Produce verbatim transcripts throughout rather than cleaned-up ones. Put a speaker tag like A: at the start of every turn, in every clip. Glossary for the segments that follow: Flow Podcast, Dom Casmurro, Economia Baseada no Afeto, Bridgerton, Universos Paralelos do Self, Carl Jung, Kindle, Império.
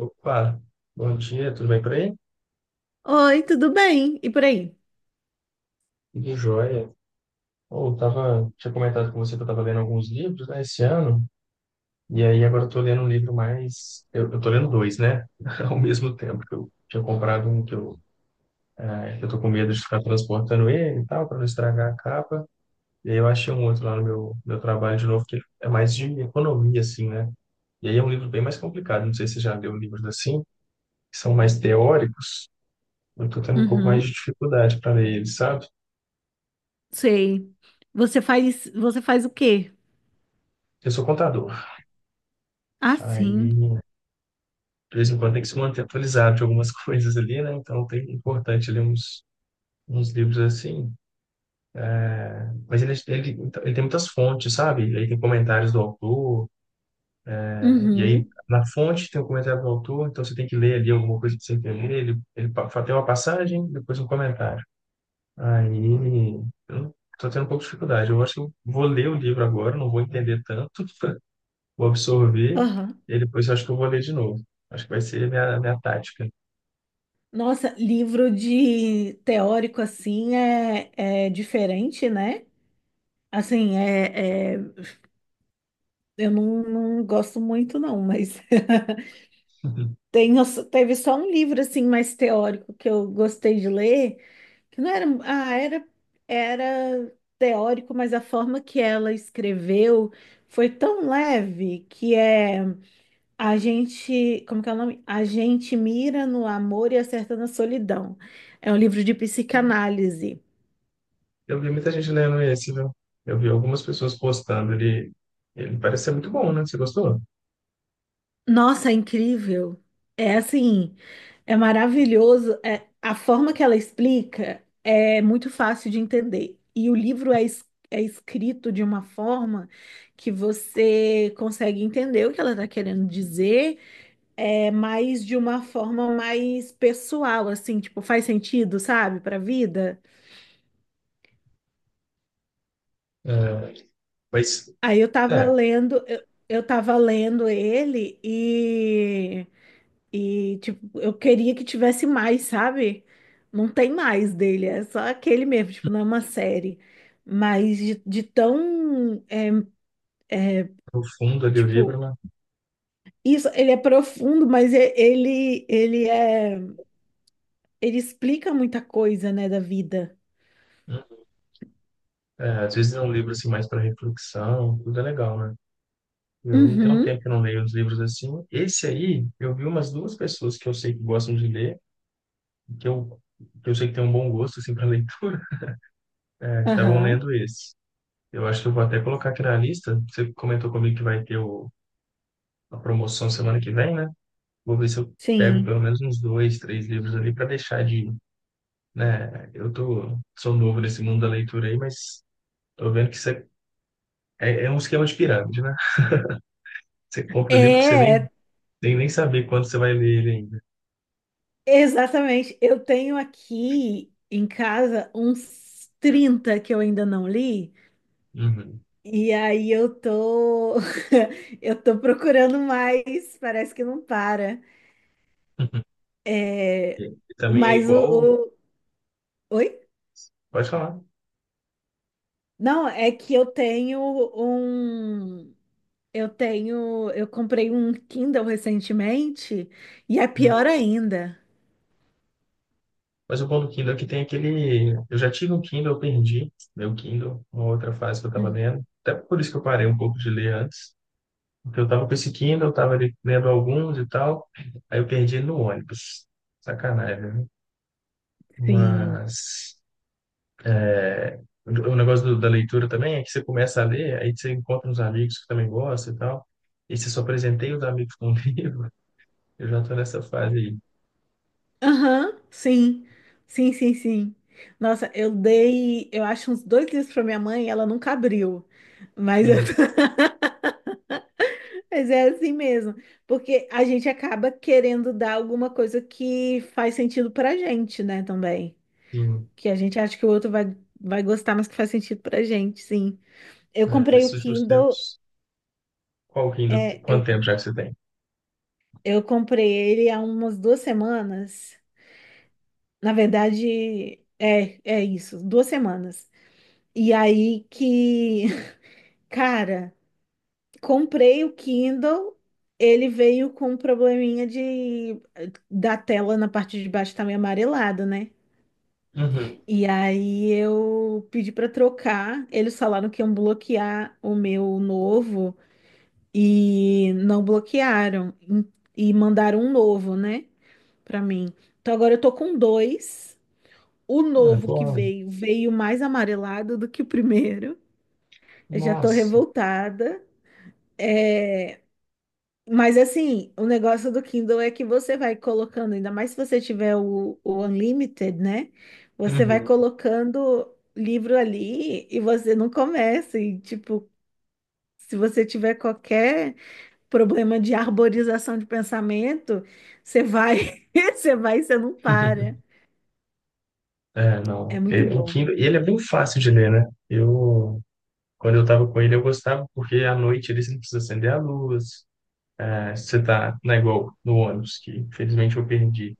A: Opa, bom dia, tudo bem por aí?
B: Oi, tudo bem? E por aí?
A: Tudo jóia. Ou tava, tinha comentado com você que eu tava lendo alguns livros, né, esse ano, e aí agora eu tô lendo um livro mais, eu, eu tô lendo dois, né, ao mesmo tempo que eu tinha comprado um que eu, eh, que eu tô com medo de ficar transportando ele e tal, para não estragar a capa, e aí eu achei um outro lá no meu, meu trabalho de novo, que é mais de economia, assim, né, e aí é um livro bem mais complicado, não sei se você já leu livros assim, que são mais teóricos. Eu tô tendo um pouco mais de
B: Uhum,
A: dificuldade para ler eles, sabe?
B: sei. Você faz, você faz o quê?
A: Eu sou contador.
B: Ah,
A: Aí,
B: sim.
A: de vez em quando tem que se manter atualizado de algumas coisas ali, né? Então, tem importante ler uns, uns livros assim. Mas ele, ele, então, ele tem muitas fontes, sabe? Aí tem comentários do autor, né? E aí
B: Uhum.
A: na fonte tem o comentário do autor, então você tem que ler ali alguma coisa para você entender. Ele, ele pa- tem uma passagem, depois um comentário. Aí, eu tô tendo um pouco de dificuldade. Eu acho que eu vou ler o livro agora, não vou entender tanto, vou absorver,
B: Aham.
A: e depois eu acho que eu vou ler de novo. Acho que vai ser a minha, a minha tática.
B: Nossa, livro de teórico assim é, é diferente, né? Assim, é, é- eu não, não gosto muito, não, mas tem, teve só um livro assim mais teórico que eu gostei de ler. Que não era, ah, era, era teórico, mas a forma que ela escreveu foi tão leve que é a gente, como que é o nome? A gente mira no amor e acerta na solidão. É um livro de psicanálise.
A: Eu vi muita gente lendo esse, viu? Eu vi algumas pessoas postando. Ele, ele parece ser muito bom, né? Você gostou?
B: Nossa, é incrível. É assim, é maravilhoso. É, a forma que ela explica é muito fácil de entender. E o livro é, es- é escrito de uma forma que você consegue entender o que ela está querendo dizer, é, mas de uma forma mais pessoal, assim, tipo, faz sentido, sabe, para a vida.
A: É, mas,
B: Aí eu tava
A: é,
B: lendo, eu, eu tava lendo ele e. E, tipo, eu queria que tivesse mais, sabe? Não tem mais dele, é só aquele mesmo, tipo, não é uma série. Mas de, de tão, é,
A: no fundo ali o livro,
B: tipo,
A: né?
B: isso, ele é profundo, mas e- ele, ele é, ele explica muita coisa, né, da vida.
A: É, às vezes é um livro assim mais para reflexão, tudo é legal, né? Eu tenho um
B: Uhum,
A: tempo que não leio os livros assim. Esse aí, eu vi umas duas pessoas que eu sei que gostam de ler, que eu, que eu sei que tem um bom gosto assim para leitura, é, que estavam
B: aham,
A: lendo esse. Eu acho que eu vou até colocar aqui na lista. Você comentou comigo que vai ter o, a promoção semana que vem, né? Vou ver se eu pego pelo
B: sim.
A: menos uns dois, três livros ali para deixar de, né? Eu tô, sou novo nesse mundo da leitura aí, mas tô vendo que você, é, é é um esquema de pirâmide, né? Você compra o livro que você nem,
B: É,
A: nem, nem saber quando você vai ler ele ainda.
B: exatamente. Eu tenho aqui em casa uns trinta que eu ainda não li.
A: Uhum.
B: E aí eu tô eu tô procurando mais, parece que não para. É,
A: E, e também é
B: mas
A: igual,
B: o, o- Oi?
A: pode falar.
B: Não, é que eu tenho um eu tenho eu comprei um Kindle recentemente e é pior
A: Hum.
B: ainda.
A: Mas o bom do Kindle é que tem aquele. Eu já tive um Kindle, eu perdi meu Kindle, uma outra fase que eu estava
B: Hum,
A: lendo. Até por isso que eu parei um pouco de ler antes. Porque eu tava com esse Kindle, eu tava ali lendo alguns e tal. Aí eu perdi ele no ônibus. Sacanagem, né?
B: Sim.
A: Mas é, o o negócio do- da leitura também é que você começa a ler, aí você encontra uns amigos que também gostam e tal. E você só apresentei os amigos com o livro. Eu já tô nessa fase aí.
B: Aham, sim. Sim, sim, sim. Nossa, eu dei, eu acho uns dois livros para minha mãe, e ela nunca abriu. Mas eu
A: Uhum.
B: tô. Mas é assim mesmo, porque a gente acaba querendo dar alguma coisa que faz sentido pra gente, né, também.
A: Sim.
B: Que a gente acha que o outro vai, vai gostar, mas que faz sentido pra gente, sim. Eu
A: É,
B: comprei
A: nesses
B: o
A: últimos
B: Kindle,
A: tempos. Qual Kindle?
B: é, eu,
A: Quanto tempo já que você tem?
B: eu comprei ele há umas duas semanas. Na verdade, é, é isso, duas semanas. E aí que, cara. Comprei o Kindle, ele veio com um probleminha de da tela na parte de baixo tá meio amarelado, né?
A: Uhum.
B: E aí eu pedi para trocar, eles falaram que iam bloquear o meu novo e não bloquearam e mandaram um novo, né, para mim. Então agora eu tô com dois. O
A: Ah,
B: novo que
A: bom.
B: veio veio mais amarelado do que o primeiro. Eu já tô
A: Nossa.
B: revoltada. É, mas assim, o negócio do Kindle é que você vai colocando, ainda mais se você tiver o, o Unlimited, né? Você vai
A: Uhum.
B: colocando livro ali e você não começa. E, tipo, se você tiver qualquer problema de arborização de pensamento, você vai, você vai e você não para.
A: É,
B: É
A: não. É,
B: muito
A: o
B: bom.
A: Kindle, ele é bem fácil de ler, né? Eu quando eu estava com ele, eu gostava, porque à noite eles não precisam acender a luz. É, você tá, não é igual no ônibus, que infelizmente eu perdi.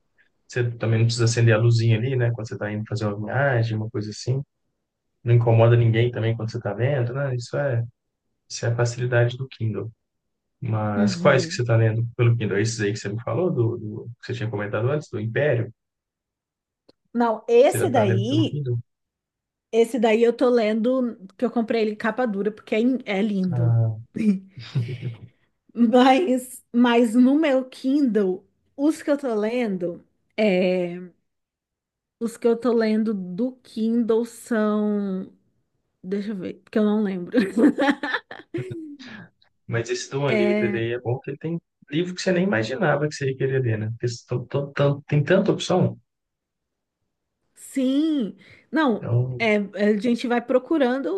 A: Você também não precisa acender a luzinha ali, né? Quando você está indo fazer uma viagem, uma coisa assim. Não incomoda ninguém também quando você está lendo, né? Isso é, isso é a facilidade do Kindle. Mas quais que você
B: Uhum.
A: está lendo pelo Kindle? É esses aí que você me falou, do, do- que você tinha comentado antes, do Império?
B: Não,
A: Você já
B: esse
A: está lendo pelo
B: daí,
A: Kindle?
B: esse daí eu tô lendo, que eu comprei ele em capa dura, porque é, in- é lindo.
A: Ah.
B: Mas, mas no meu Kindle, os que eu tô lendo, é, os que eu tô lendo do Kindle são, deixa eu ver, porque eu não lembro.
A: Mas esse do Unlimited
B: É,
A: aí é bom porque tem livro que você nem imaginava que você ia querer ler, né? Porque tão- tão- tão- tem tanta opção.
B: sim, não,
A: Então,
B: é, a gente vai procurando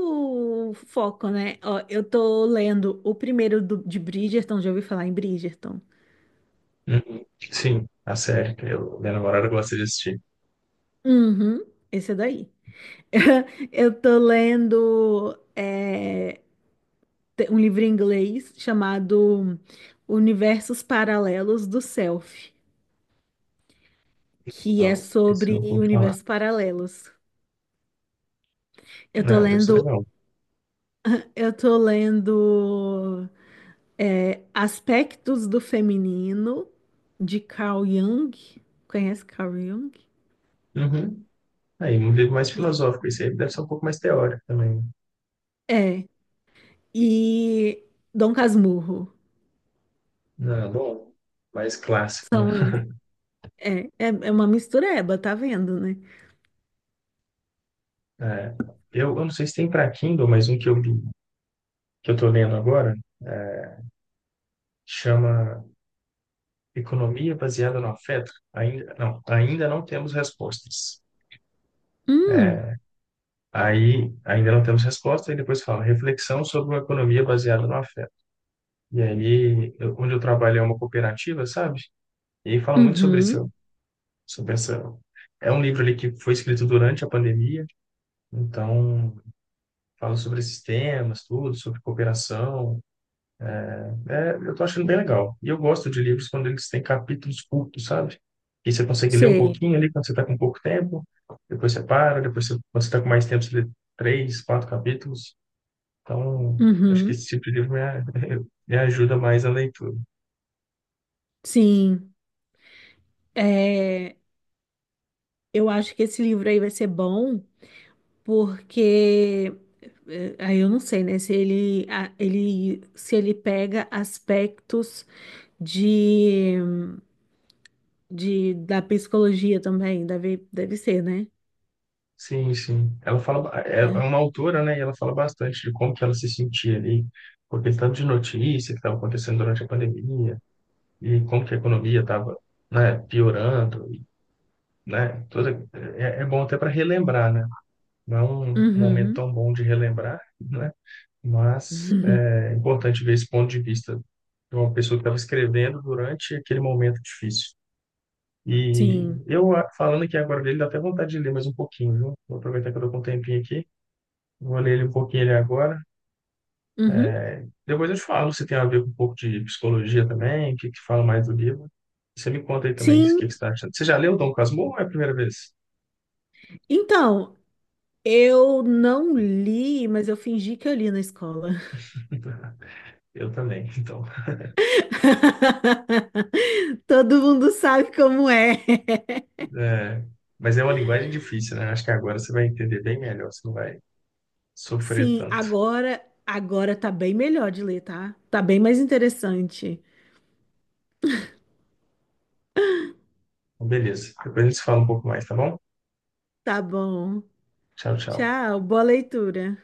B: o foco, né? Ó, eu tô lendo o primeiro do- de Bridgerton, já ouvi falar em Bridgerton.
A: uhum. Sim, a série. Eu, minha namorada gosta de assistir.
B: Uhum, esse é daí. Eu tô lendo. É, te- um livro em inglês chamado Universos Paralelos do Self, que é
A: Não, esse eu
B: sobre
A: não vou falar.
B: universos paralelos. Eu tô
A: Não, deve ser
B: lendo,
A: legal.
B: eu tô lendo é, Aspectos do Feminino de Carl Jung. Conhece Carl Jung?
A: Uhum. Aí, um livro mais
B: E-
A: filosófico. Esse aí deve ser um pouco mais teórico também, né?
B: É, e Dom Casmurro.
A: Não, bom, mais clássico, né?
B: São esses. É, é, é uma mistureba, tá vendo, né?
A: É. Eu, eu não sei se tem para Kindle, mas um que eu li, que eu tô lendo agora, é, chama Economia Baseada no Afeto. Ainda não, ainda não temos respostas.
B: Hum,
A: É, aí ainda não temos resposta, e depois fala reflexão sobre uma economia baseada no afeto. E aí, eu- onde eu trabalho é uma cooperativa, sabe? E aí fala muito sobre
B: uhum,
A: isso, sobre essa. É um livro ali que foi escrito durante a pandemia, então fala sobre esses temas, tudo, sobre cooperação. É, eu tô achando bem legal. E eu gosto de livros quando eles têm capítulos curtos, sabe? E você consegue ler um
B: sei.
A: pouquinho ali quando você está com pouco tempo, depois você para, depois você, quando você está com mais tempo, você lê três, quatro capítulos. Então, acho que
B: Uhum,
A: esse tipo de livro me, a- me ajuda mais a leitura.
B: sim. É, eu acho que esse livro aí vai ser bom, porque eh, aí eu não sei, né, se ele, a- ele se ele pega aspectos de, de da psicologia também, deve, deve ser, né?
A: Sim, sim. Ela fala, ba- é é uma autora, né? E ela fala bastante de como que ela se sentia ali, com aquele tanto de notícia que estava acontecendo durante a pandemia, e como que a economia estava, né, piorando, e, né? Toda, é, é bom até para relembrar, né? Não é um momento
B: Uhum.
A: tão bom de relembrar, né? Mas
B: Uhum.
A: é. E
B: Sim.
A: eu, ah, falando aqui agora dele, dá até vontade de ler mais um pouquinho, viu? Vou aproveitar que eu tô com um tempinho aqui. Vou ler ele um pouquinho ele agora.
B: Uhum.
A: Depois eu te falo se tem a ver com um pouco de psicologia também, o que que fala mais do livro. Você me conta aí também o que que
B: Sim.
A: você está achando. Você já leu Dom Casmurro ou é a primeira vez?
B: Então, eu não li, mas eu fingi que eu li na escola.
A: Eu também, então.
B: Todo mundo sabe como é.
A: É, mas é uma linguagem difícil, né? Acho que agora você vai entender bem melhor, você não vai sofrer
B: Sim,
A: tanto.
B: agora, agora tá bem melhor de ler, tá? Tá bem mais interessante.
A: Então, beleza, depois a gente se fala um pouco mais, tá bom?
B: Tá bom.
A: Tchau, tchau.
B: Tchau, boa leitura.